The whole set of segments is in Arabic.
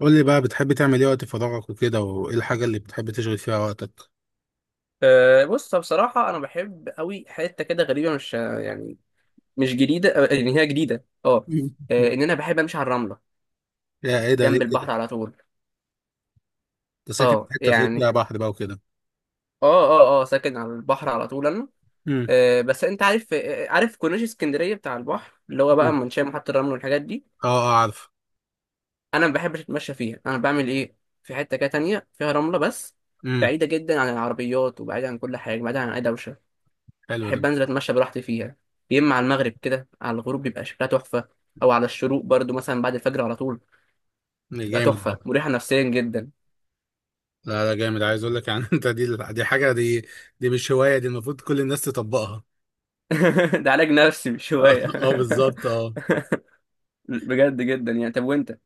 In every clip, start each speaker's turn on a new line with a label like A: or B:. A: قول لي بقى، بتحب تعمل ايه وقت فراغك وكده؟ وايه الحاجة اللي بتحب تشغل فيها وقتك؟
B: بص، بصراحة أنا بحب أوي حتة كده غريبة، مش يعني مش جديدة، إن هي جديدة. أه
A: مم.
B: آه، إن أنا بحب أمشي على الرملة
A: يا ايه ده ليه
B: جنب
A: كده؟
B: البحر على طول.
A: انت ساكن في حتة تلاقي
B: يعني.
A: فيها بحر بقى وكده؟
B: أه أه أه ساكن على البحر على طول أنا.
A: امم.
B: بس أنت عارف، عارف كورنيش اسكندرية بتاع البحر اللي هو بقى
A: مم.
B: منشأ محطة الرمل والحاجات دي.
A: اه، اه، عارف.
B: أنا ما بحبش أتمشى فيها، أنا بعمل إيه في حتة كده تانية فيها رملة بس،
A: امم.
B: بعيدة جدا عن العربيات وبعيدة عن كل حاجة، بعيدة عن أي دوشة.
A: حلو ده.
B: بحب انزل اتمشى براحتي فيها، يا اما على المغرب كده على الغروب بيبقى شكلها تحفه، او على الشروق برضو مثلا بعد الفجر على طول
A: ده
B: تبقى
A: جامد ده.
B: تحفه مريحه نفسيا جدا.
A: لا، لا، جامد، عايز اقول لك يعني. انت دي حاجة دي. دي مش هواية، دي المفروض كل الناس تطبقها.
B: ده علاج نفسي مش
A: اه،
B: هوايه.
A: بالظبط، اه.
B: بجد جدا يعني. طب وانت؟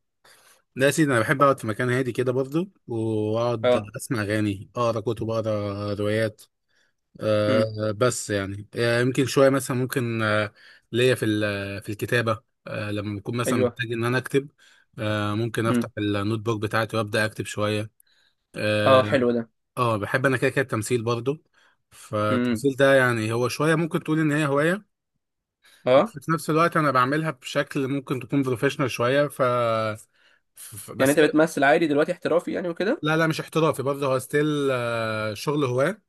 A: لا يا سيدي، انا بحب اقعد في مكان هادي كده برضه، واقعد
B: اه.
A: اسمع اغاني، اقرا كتب، اقرا روايات.
B: امم.
A: بس يعني، يمكن شويه مثلا، ممكن ليا في في الكتابه، لما بكون مثلا
B: ايوه.
A: محتاج ان انا اكتب. ممكن افتح
B: امم.
A: النوت بوك بتاعتي وابدا اكتب شويه. اه.
B: اه حلو ده.
A: بحب انا كده كده التمثيل برضو.
B: امم.
A: فالتمثيل ده يعني هو شويه ممكن تقول ان هي هوايه، بس
B: اه،
A: في نفس الوقت انا بعملها بشكل ممكن تكون بروفيشنال شويه.
B: يعني
A: بس.
B: انت بتمثل عادي دلوقتي، احترافي يعني وكده؟
A: لا، لا، مش احترافي برضه، هو ستيل شغل هواه.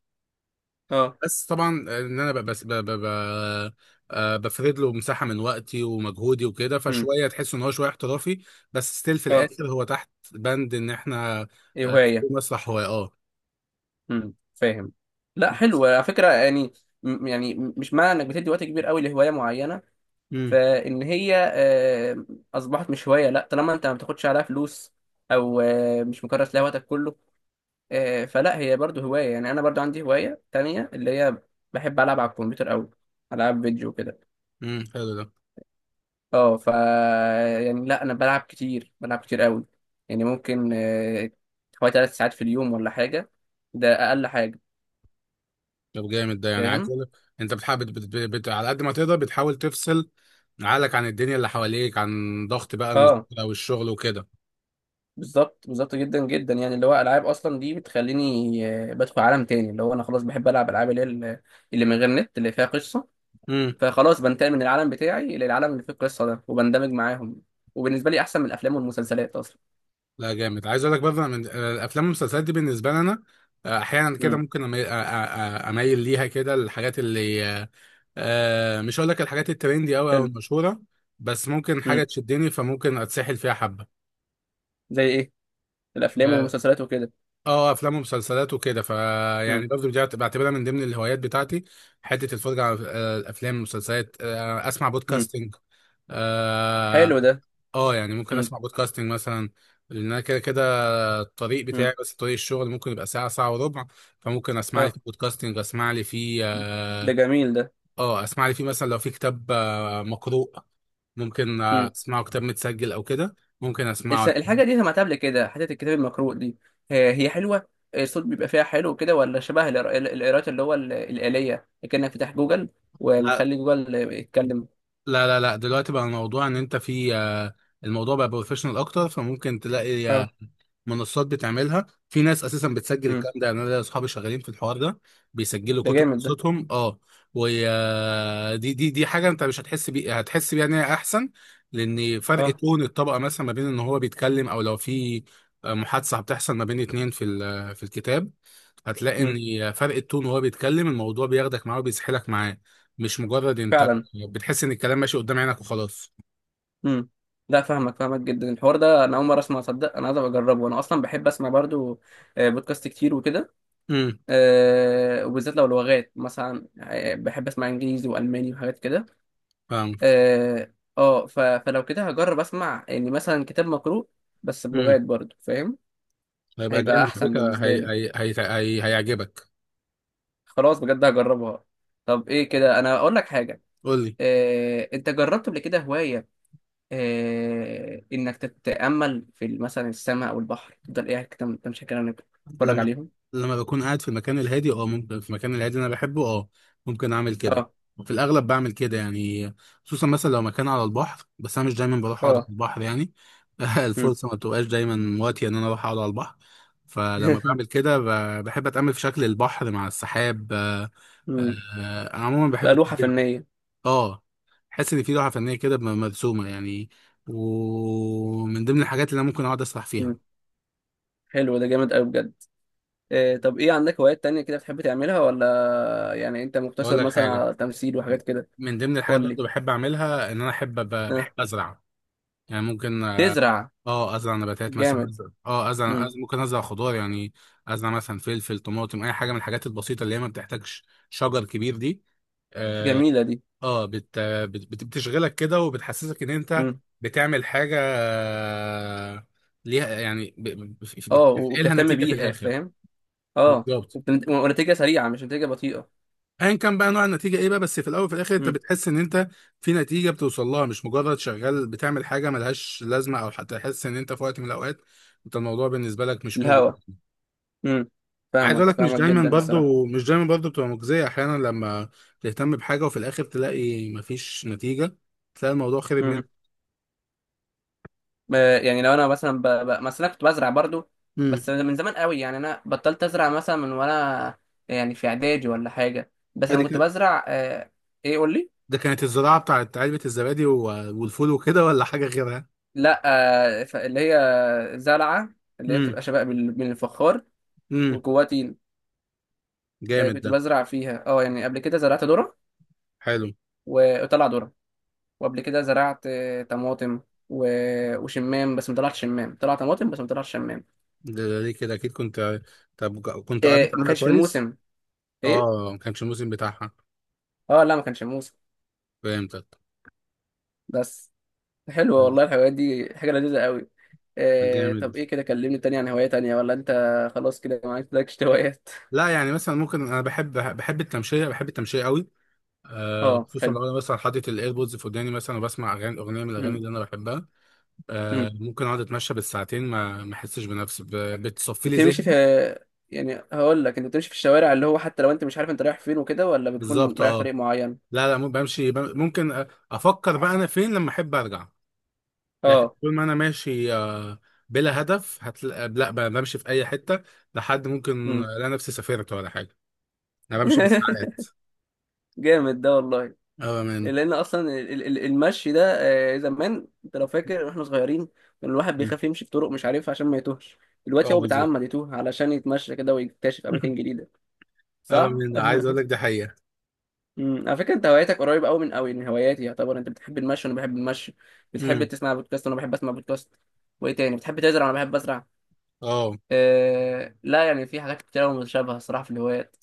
B: اه.
A: بس طبعا، ان انا ب- بس ب- ب- ب- آه، بفرد له مساحه من وقتي ومجهودي وكده،
B: امم.
A: فشويه تحس ان هو شويه احترافي. بس ستيل في
B: اه.
A: الاخر هو تحت بند ان احنا
B: إيه
A: في
B: هوايه.
A: مسرح هو. اه.
B: امم، فاهم. لا حلو على فكره يعني. يعني مش معنى انك بتدي وقت كبير قوي لهوايه معينه
A: امم.
B: فان هي اصبحت مش هوايه، لا طالما انت ما بتاخدش عليها فلوس او مش مكرس لها وقتك كله، فلا هي برضو هوايه. يعني انا برضو عندي هوايه تانية اللي هي بحب العب على الكمبيوتر قوي، العاب فيديو كده.
A: امم. حلو ده.
B: اه ف يعني، لا انا بلعب كتير، بلعب كتير قوي. يعني ممكن حوالي 3 ساعات في اليوم ولا حاجه، ده اقل حاجه.
A: طب جامد ده، يعني عايز
B: فاهم.
A: اقول لك، انت بتحاول بت بت بت على قد ما تقدر بتحاول تفصل عقلك عن الدنيا اللي حواليك، عن ضغط بقى
B: اه
A: المذاكره والشغل وكده.
B: بالظبط، بالظبط جدا جدا. يعني اللي هو العاب اصلا دي بتخليني بدخل عالم تاني، اللي هو انا خلاص بحب العب العاب اللي هي اللي من غير نت اللي فيها قصه. فخلاص بنتقل من العالم بتاعي للعالم اللي فيه القصه ده وبندمج معاهم، وبالنسبه لي احسن من الافلام والمسلسلات اصلا.
A: لا جامد، عايز اقول لك برضه، أنا من الافلام والمسلسلات دي بالنسبه لي انا احيانا كده
B: امم.
A: ممكن اميل ليها كده، الحاجات اللي مش هقول لك الحاجات الترندي قوي او
B: حلو.
A: المشهوره، بس ممكن حاجه
B: امم.
A: تشدني فممكن اتسحل فيها حبه.
B: زي ايه، الافلام
A: اه،
B: والمسلسلات وكده؟
A: افلام ومسلسلات وكده، فيعني
B: امم.
A: برضه دي بعتبرها من ضمن الهوايات بتاعتي. حته الفرجه على الافلام والمسلسلات، اسمع
B: امم.
A: بودكاستنج. اه.
B: حلو ده.
A: يعني ممكن
B: امم.
A: اسمع بودكاستنج مثلا، لان انا كده كده الطريق
B: امم.
A: بتاعي، بس طريق الشغل ممكن يبقى ساعة ساعة وربع، فممكن اسمع لي
B: اه
A: في بودكاستنج،
B: ده جميل
A: اسمع لي في مثلا لو في كتاب مقروء. ممكن
B: ده.
A: اسمعه كتاب متسجل او كده، ممكن اسمعه.
B: الحاجة دي سمعتها قبل كده، حتة الكتاب المقروء دي، هي حلوة. الصوت بيبقى فيها حلو كده، ولا شبه القراءات اللي هو الآلية، كأنك فتح جوجل
A: لا،
B: ومخلي جوجل يتكلم.
A: لا، لا، لا، دلوقتي بقى الموضوع ان انت في الموضوع بقى بروفيشنال اكتر، فممكن تلاقي
B: اه.
A: منصات بتعملها، في ناس اساسا بتسجل
B: امم.
A: الكلام ده. يعني انا ليا اصحابي شغالين في الحوار ده، بيسجلوا
B: ده
A: كتب
B: جامد ده.
A: قصتهم. اه. ودي دي دي حاجه انت مش هتحس بيها، هتحس بيها ان هي احسن. لان فرق
B: اه.
A: تون الطبقه مثلا ما بين ان هو بيتكلم او لو في محادثه بتحصل ما بين اتنين في في الكتاب، هتلاقي
B: امم.
A: ان فرق التون وهو بيتكلم الموضوع بياخدك معاه وبيسحلك معاه، مش مجرد انت
B: فعلا.
A: بتحس ان الكلام ماشي قدام عينك وخلاص.
B: امم. لا، فاهمك فاهمك جدا. الحوار ده انا اول مره اسمع، صدق، انا عايز أبقى اجربه. انا اصلا بحب اسمع برضو بودكاست كتير وكده،
A: امم.
B: وبالذات لو لغات مثلا، بحب اسمع انجليزي والماني وحاجات كده.
A: فاهم.
B: اه. فلو كده هجرب اسمع يعني مثلا كتاب مقروء، بس
A: امم.
B: بلغات برضو، فاهم.
A: هيبقى
B: هيبقى
A: جامد على
B: احسن
A: فكره،
B: بالنسبه لي.
A: هيعجبك.
B: خلاص بجد هجربها. طب ايه كده، انا اقول لك حاجه.
A: قول لي.
B: انت جربت قبل كده هوايه انك تتامل في مثلا السماء او البحر، تفضل قاعد كده تمشي كده إنك تتفرج
A: لما
B: عليهم؟
A: لما بكون قاعد في المكان الهادي، ممكن في المكان الهادي اللي انا بحبه، ممكن اعمل كده.
B: اه.
A: وفي الاغلب بعمل كده يعني، خصوصا مثلا لو مكان على البحر، بس انا مش دايما بروح اقعد على
B: اه.
A: البحر يعني.
B: مم.
A: الفرصه ما بتبقاش دايما وقتي ان انا اروح اقعد على البحر. فلما بعمل كده بحب اتامل في شكل البحر مع السحاب.
B: مم.
A: انا عموما بحب
B: بقى لوحه
A: الطبيعه.
B: فنيه.
A: اه، حاسس ان في لوحه فنيه كده مرسومه يعني، ومن ضمن الحاجات اللي انا ممكن اقعد اسرح
B: مم.
A: فيها.
B: حلو ده، جامد قوي بجد. طب ايه عندك هوايات تانية كده بتحب تعملها، ولا يعني انت
A: اقول
B: مقتصر
A: لك
B: مثلا
A: حاجه،
B: على تمثيل وحاجات كده؟
A: من ضمن الحاجات
B: قول لي.
A: برضه بحب اعملها ان انا احب بحب
B: اه.
A: ازرع. يعني ممكن
B: تزرع.
A: ازرع نباتات مثلا،
B: جامد. امم.
A: ممكن ازرع خضار يعني، ازرع مثلا فلفل، طماطم، اي حاجه من الحاجات البسيطه اللي هي ما بتحتاجش شجر كبير دي. آه،
B: جميلة دي.
A: بتشغلك كده وبتحسسك ان انت
B: امم.
A: بتعمل حاجه ليها يعني، بتنقلها
B: وبتهتم
A: نتيجه في
B: بيها،
A: الاخر.
B: فاهم.
A: بالظبط.
B: ونتيجة سريعة، مش نتيجة بطيئة.
A: ايا كان بقى نوع النتيجه ايه بقى، بس في الاول وفي الاخر انت
B: امم.
A: بتحس ان انت في نتيجه بتوصل لها، مش مجرد شغال بتعمل حاجه ملهاش لازمه، او حتى تحس ان انت في وقت من الاوقات انت الموضوع بالنسبه لك مش مجزي.
B: الهوا امم.
A: عايز اقول
B: فاهمك
A: لك، مش
B: فاهمك
A: دايما
B: جدا الصراحة.
A: برضو، مش دايما برضو بتبقى مجزيه، احيانا لما تهتم بحاجه وفي الاخر تلاقي مفيش نتيجه، تلاقي الموضوع خرب
B: امم.
A: منك.
B: يعني لو انا مثلا مثلا كنت بزرع برضو،
A: امم.
B: بس من زمان قوي. يعني انا بطلت ازرع مثلا من وانا يعني في اعدادي ولا حاجة، بس لما
A: ادي.
B: كنت بزرع ايه؟ قول لي.
A: ده كانت الزراعة بتاعت علبة الزبادي والفول وكده، ولا حاجة غيرها؟
B: لا، اللي هي زرعة اللي هي
A: امم.
B: بتبقى شبه من الفخار
A: امم.
B: وجواها طين.
A: جامد
B: كنت
A: ده.
B: بزرع فيها. اه يعني قبل كده زرعت ذرة
A: حلو
B: وطلع ذرة، وقبل كده زرعت طماطم وشمام، بس ما طلعش شمام، طلع طماطم بس ما طلعش شمام.
A: ده. ده ليه كده؟ اكيد كنت، طب كنت قريت
B: ما
A: عنها
B: كانش في
A: كويس؟
B: الموسم. ايه.
A: اه، ما كانش الموسم بتاعها.
B: اه، لا ما كانش في الموسم.
A: فهمتك.
B: بس. حلوة والله الهوايات دي، حاجة لذيذة قوي.
A: جامد.
B: طب ايه كده، كلمني تاني عن هواية تانية، ولا انت خلاص كده ما عندكش هوايات؟
A: لا، يعني مثلا ممكن، انا بحب التمشية، بحب التمشية قوي.
B: اه
A: خصوصا
B: حلو.
A: لو انا مثلا حاطط الايربودز في وداني مثلا، وبسمع اغاني اغنيه من الاغاني اللي انا بحبها.
B: مم.
A: ممكن اقعد اتمشى بالساعتين، ما احسش بنفسي بتصفي لي
B: بتمشي في
A: ذهني.
B: يعني هقول لك، انت بتمشي في الشوارع اللي هو حتى لو انت مش عارف انت رايح فين وكده، ولا
A: بالظبط،
B: بتكون رايح
A: اه.
B: طريق معين؟
A: لا، لا، بمشي ممكن افكر بقى انا فين لما احب ارجع. لكن
B: اه.
A: طول ما انا ماشي بلا هدف هتلاقي، لا، بمشي في اي حته، لحد ممكن
B: مم.
A: لا نفسي سافرت ولا حاجه، انا بمشي بالساعات.
B: جامد ده والله.
A: اه من
B: لان اصلا المشي ده، زمان انت لو فاكر واحنا صغيرين، كان الواحد بيخاف يمشي في طرق مش عارفها عشان ما يتوهش، دلوقتي
A: اه
B: هو
A: بالظبط.
B: بيتعمد يتوه علشان يتمشى كده ويكتشف اماكن جديده.
A: اه
B: صح.
A: من عايز اقول لك دي حقيقه.
B: مم. على فكره انت هواياتك قريبه قوي من هواياتي، يعتبر انت بتحب المشي وانا بحب المشي، بتحب
A: مم.
B: تسمع بودكاست وانا بحب اسمع بودكاست. وايه تاني؟ بتحب تزرع وانا بحب ازرع.
A: اه،
B: لا يعني في حاجات كتير متشابهة الصراحة في الهوايات.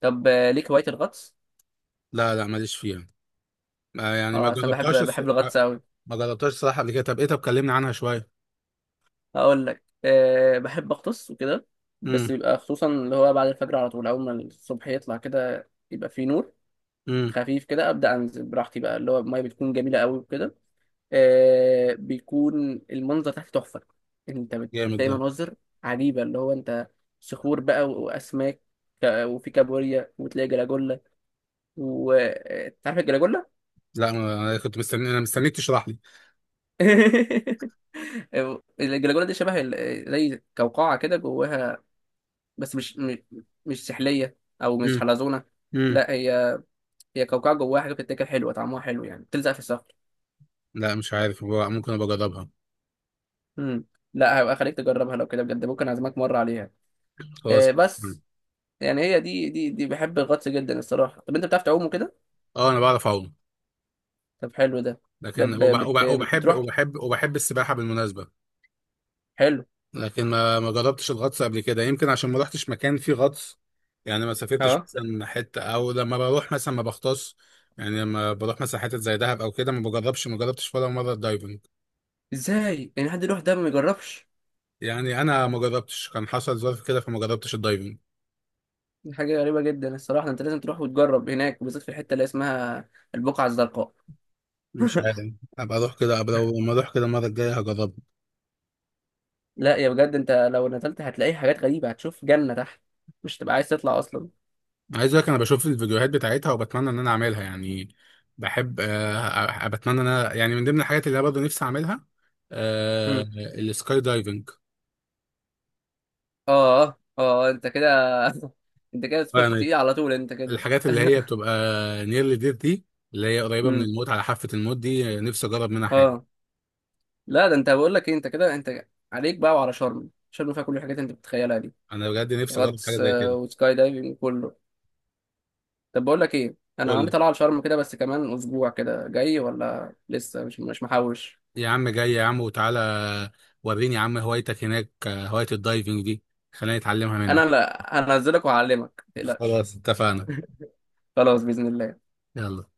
B: طب ليك هواية الغطس؟
A: لا، لا، ماليش فيها. يعني ما
B: اه أصل أنا
A: جربتهاش
B: بحب الغطس أوي.
A: ما جربتهاش الصراحه قبل كده. طب كلمني عنها شويه.
B: هقول لك، بحب أغطس وكده،
A: امم.
B: بس بيبقى خصوصا اللي هو بعد الفجر على طول، أول ما الصبح يطلع كده يبقى فيه نور
A: امم.
B: خفيف كده، أبدأ أنزل براحتي بقى. اللي هو المية بتكون جميلة أوي وكده. بيكون المنظر تحت تحفة. أنت
A: جامد
B: بتلاقي
A: ده.
B: مناظر عجيبة اللي هو أنت، صخور بقى وأسماك، وفي كابوريا، وتلاقي جلاجولا. وتعرف الجلاجولا؟
A: لا، انا كنت مستني، انا مستنيك تشرح لي.
B: الجلاجولا دي شبه زي قوقعة كده جواها، بس مش سحلية أو مش حلزونة.
A: امم.
B: لا هي قوقعة جواها حاجة بتتاكل، حلوة طعمها حلو يعني، بتلزق في الصخر.
A: لا، مش عارف، هو ممكن ابقى اجربها.
B: مم. لا هبقى خليك تجربها، لو كده بجد ممكن أعزمك مرة عليها.
A: خلاص.
B: بس يعني هي دي بحب الغطس جدا الصراحة. طب أنت بتعرف تعوم وكده؟
A: اه، انا بعرف اعوم،
B: طب حلو ده.
A: لكن وبحب
B: بتروح.
A: وبحب وبحب السباحه بالمناسبه.
B: حلو.
A: لكن ما جربتش الغطس قبل كده، يمكن عشان ما رحتش مكان فيه غطس. يعني ما سافرتش
B: اه.
A: مثلا حته، او لما بروح مثلا ما بغطس. يعني لما بروح مثلا حتت زي دهب او كده ما بجربش، ما جربتش ولا مره الدايفنج.
B: ازاي يعني حد يروح ده ما يجربش؟
A: يعني انا ما جربتش، كان حصل ظرف كده فما جربتش الدايفنج.
B: دي حاجة غريبة جدا الصراحة، انت لازم تروح وتجرب هناك، وبالذات في الحتة اللي اسمها البقعة الزرقاء.
A: مش عارف، ابقى اروح كده، ابقى لو ما اروح كده المره الجايه هجربها.
B: لا يا بجد انت لو نزلت هتلاقي حاجات غريبة، هتشوف جنة تحت، مش تبقى عايز تطلع اصلا.
A: عايز اقول لك، انا بشوف الفيديوهات بتاعتها وبتمنى ان انا اعملها يعني. بحب آه، آه، بتمنى ان انا يعني من ضمن الحاجات اللي انا برضه نفسي اعملها آه،
B: مم.
A: السكاي دايفنج.
B: اه، اه، اه، انت كده. انت كده تدخل في
A: يعني
B: التقيل على طول، انت كده.
A: الحاجات اللي هي بتبقى نيرلي ديث دي، اللي هي قريبه من
B: امم.
A: الموت، على حافه الموت دي، نفسي اجرب منها حاجه.
B: اه. لا ده انت، بقول لك ايه، انت كده، انت عليك بقى وعلى شرم فيها كل الحاجات اللي انت بتتخيلها دي.
A: انا بجد نفسي اجرب حاجه
B: غطس
A: زي كده.
B: وسكاي دايفنج، كله. طب بقول لك ايه، انا
A: قول
B: عندي
A: لي،
B: طلعه على شرم كده، بس كمان اسبوع كده جاي ولا لسه، مش محوش.
A: يا عم جاي يا عم وتعالى. وريني يا عم هوايتك هناك، هوايه الدايفنج دي، خليني اتعلمها
B: انا
A: منك.
B: لا هنزلك وهعلمك، ما تقلقش.
A: خلاص اتفقنا.
B: خلاص باذن الله.
A: يلا.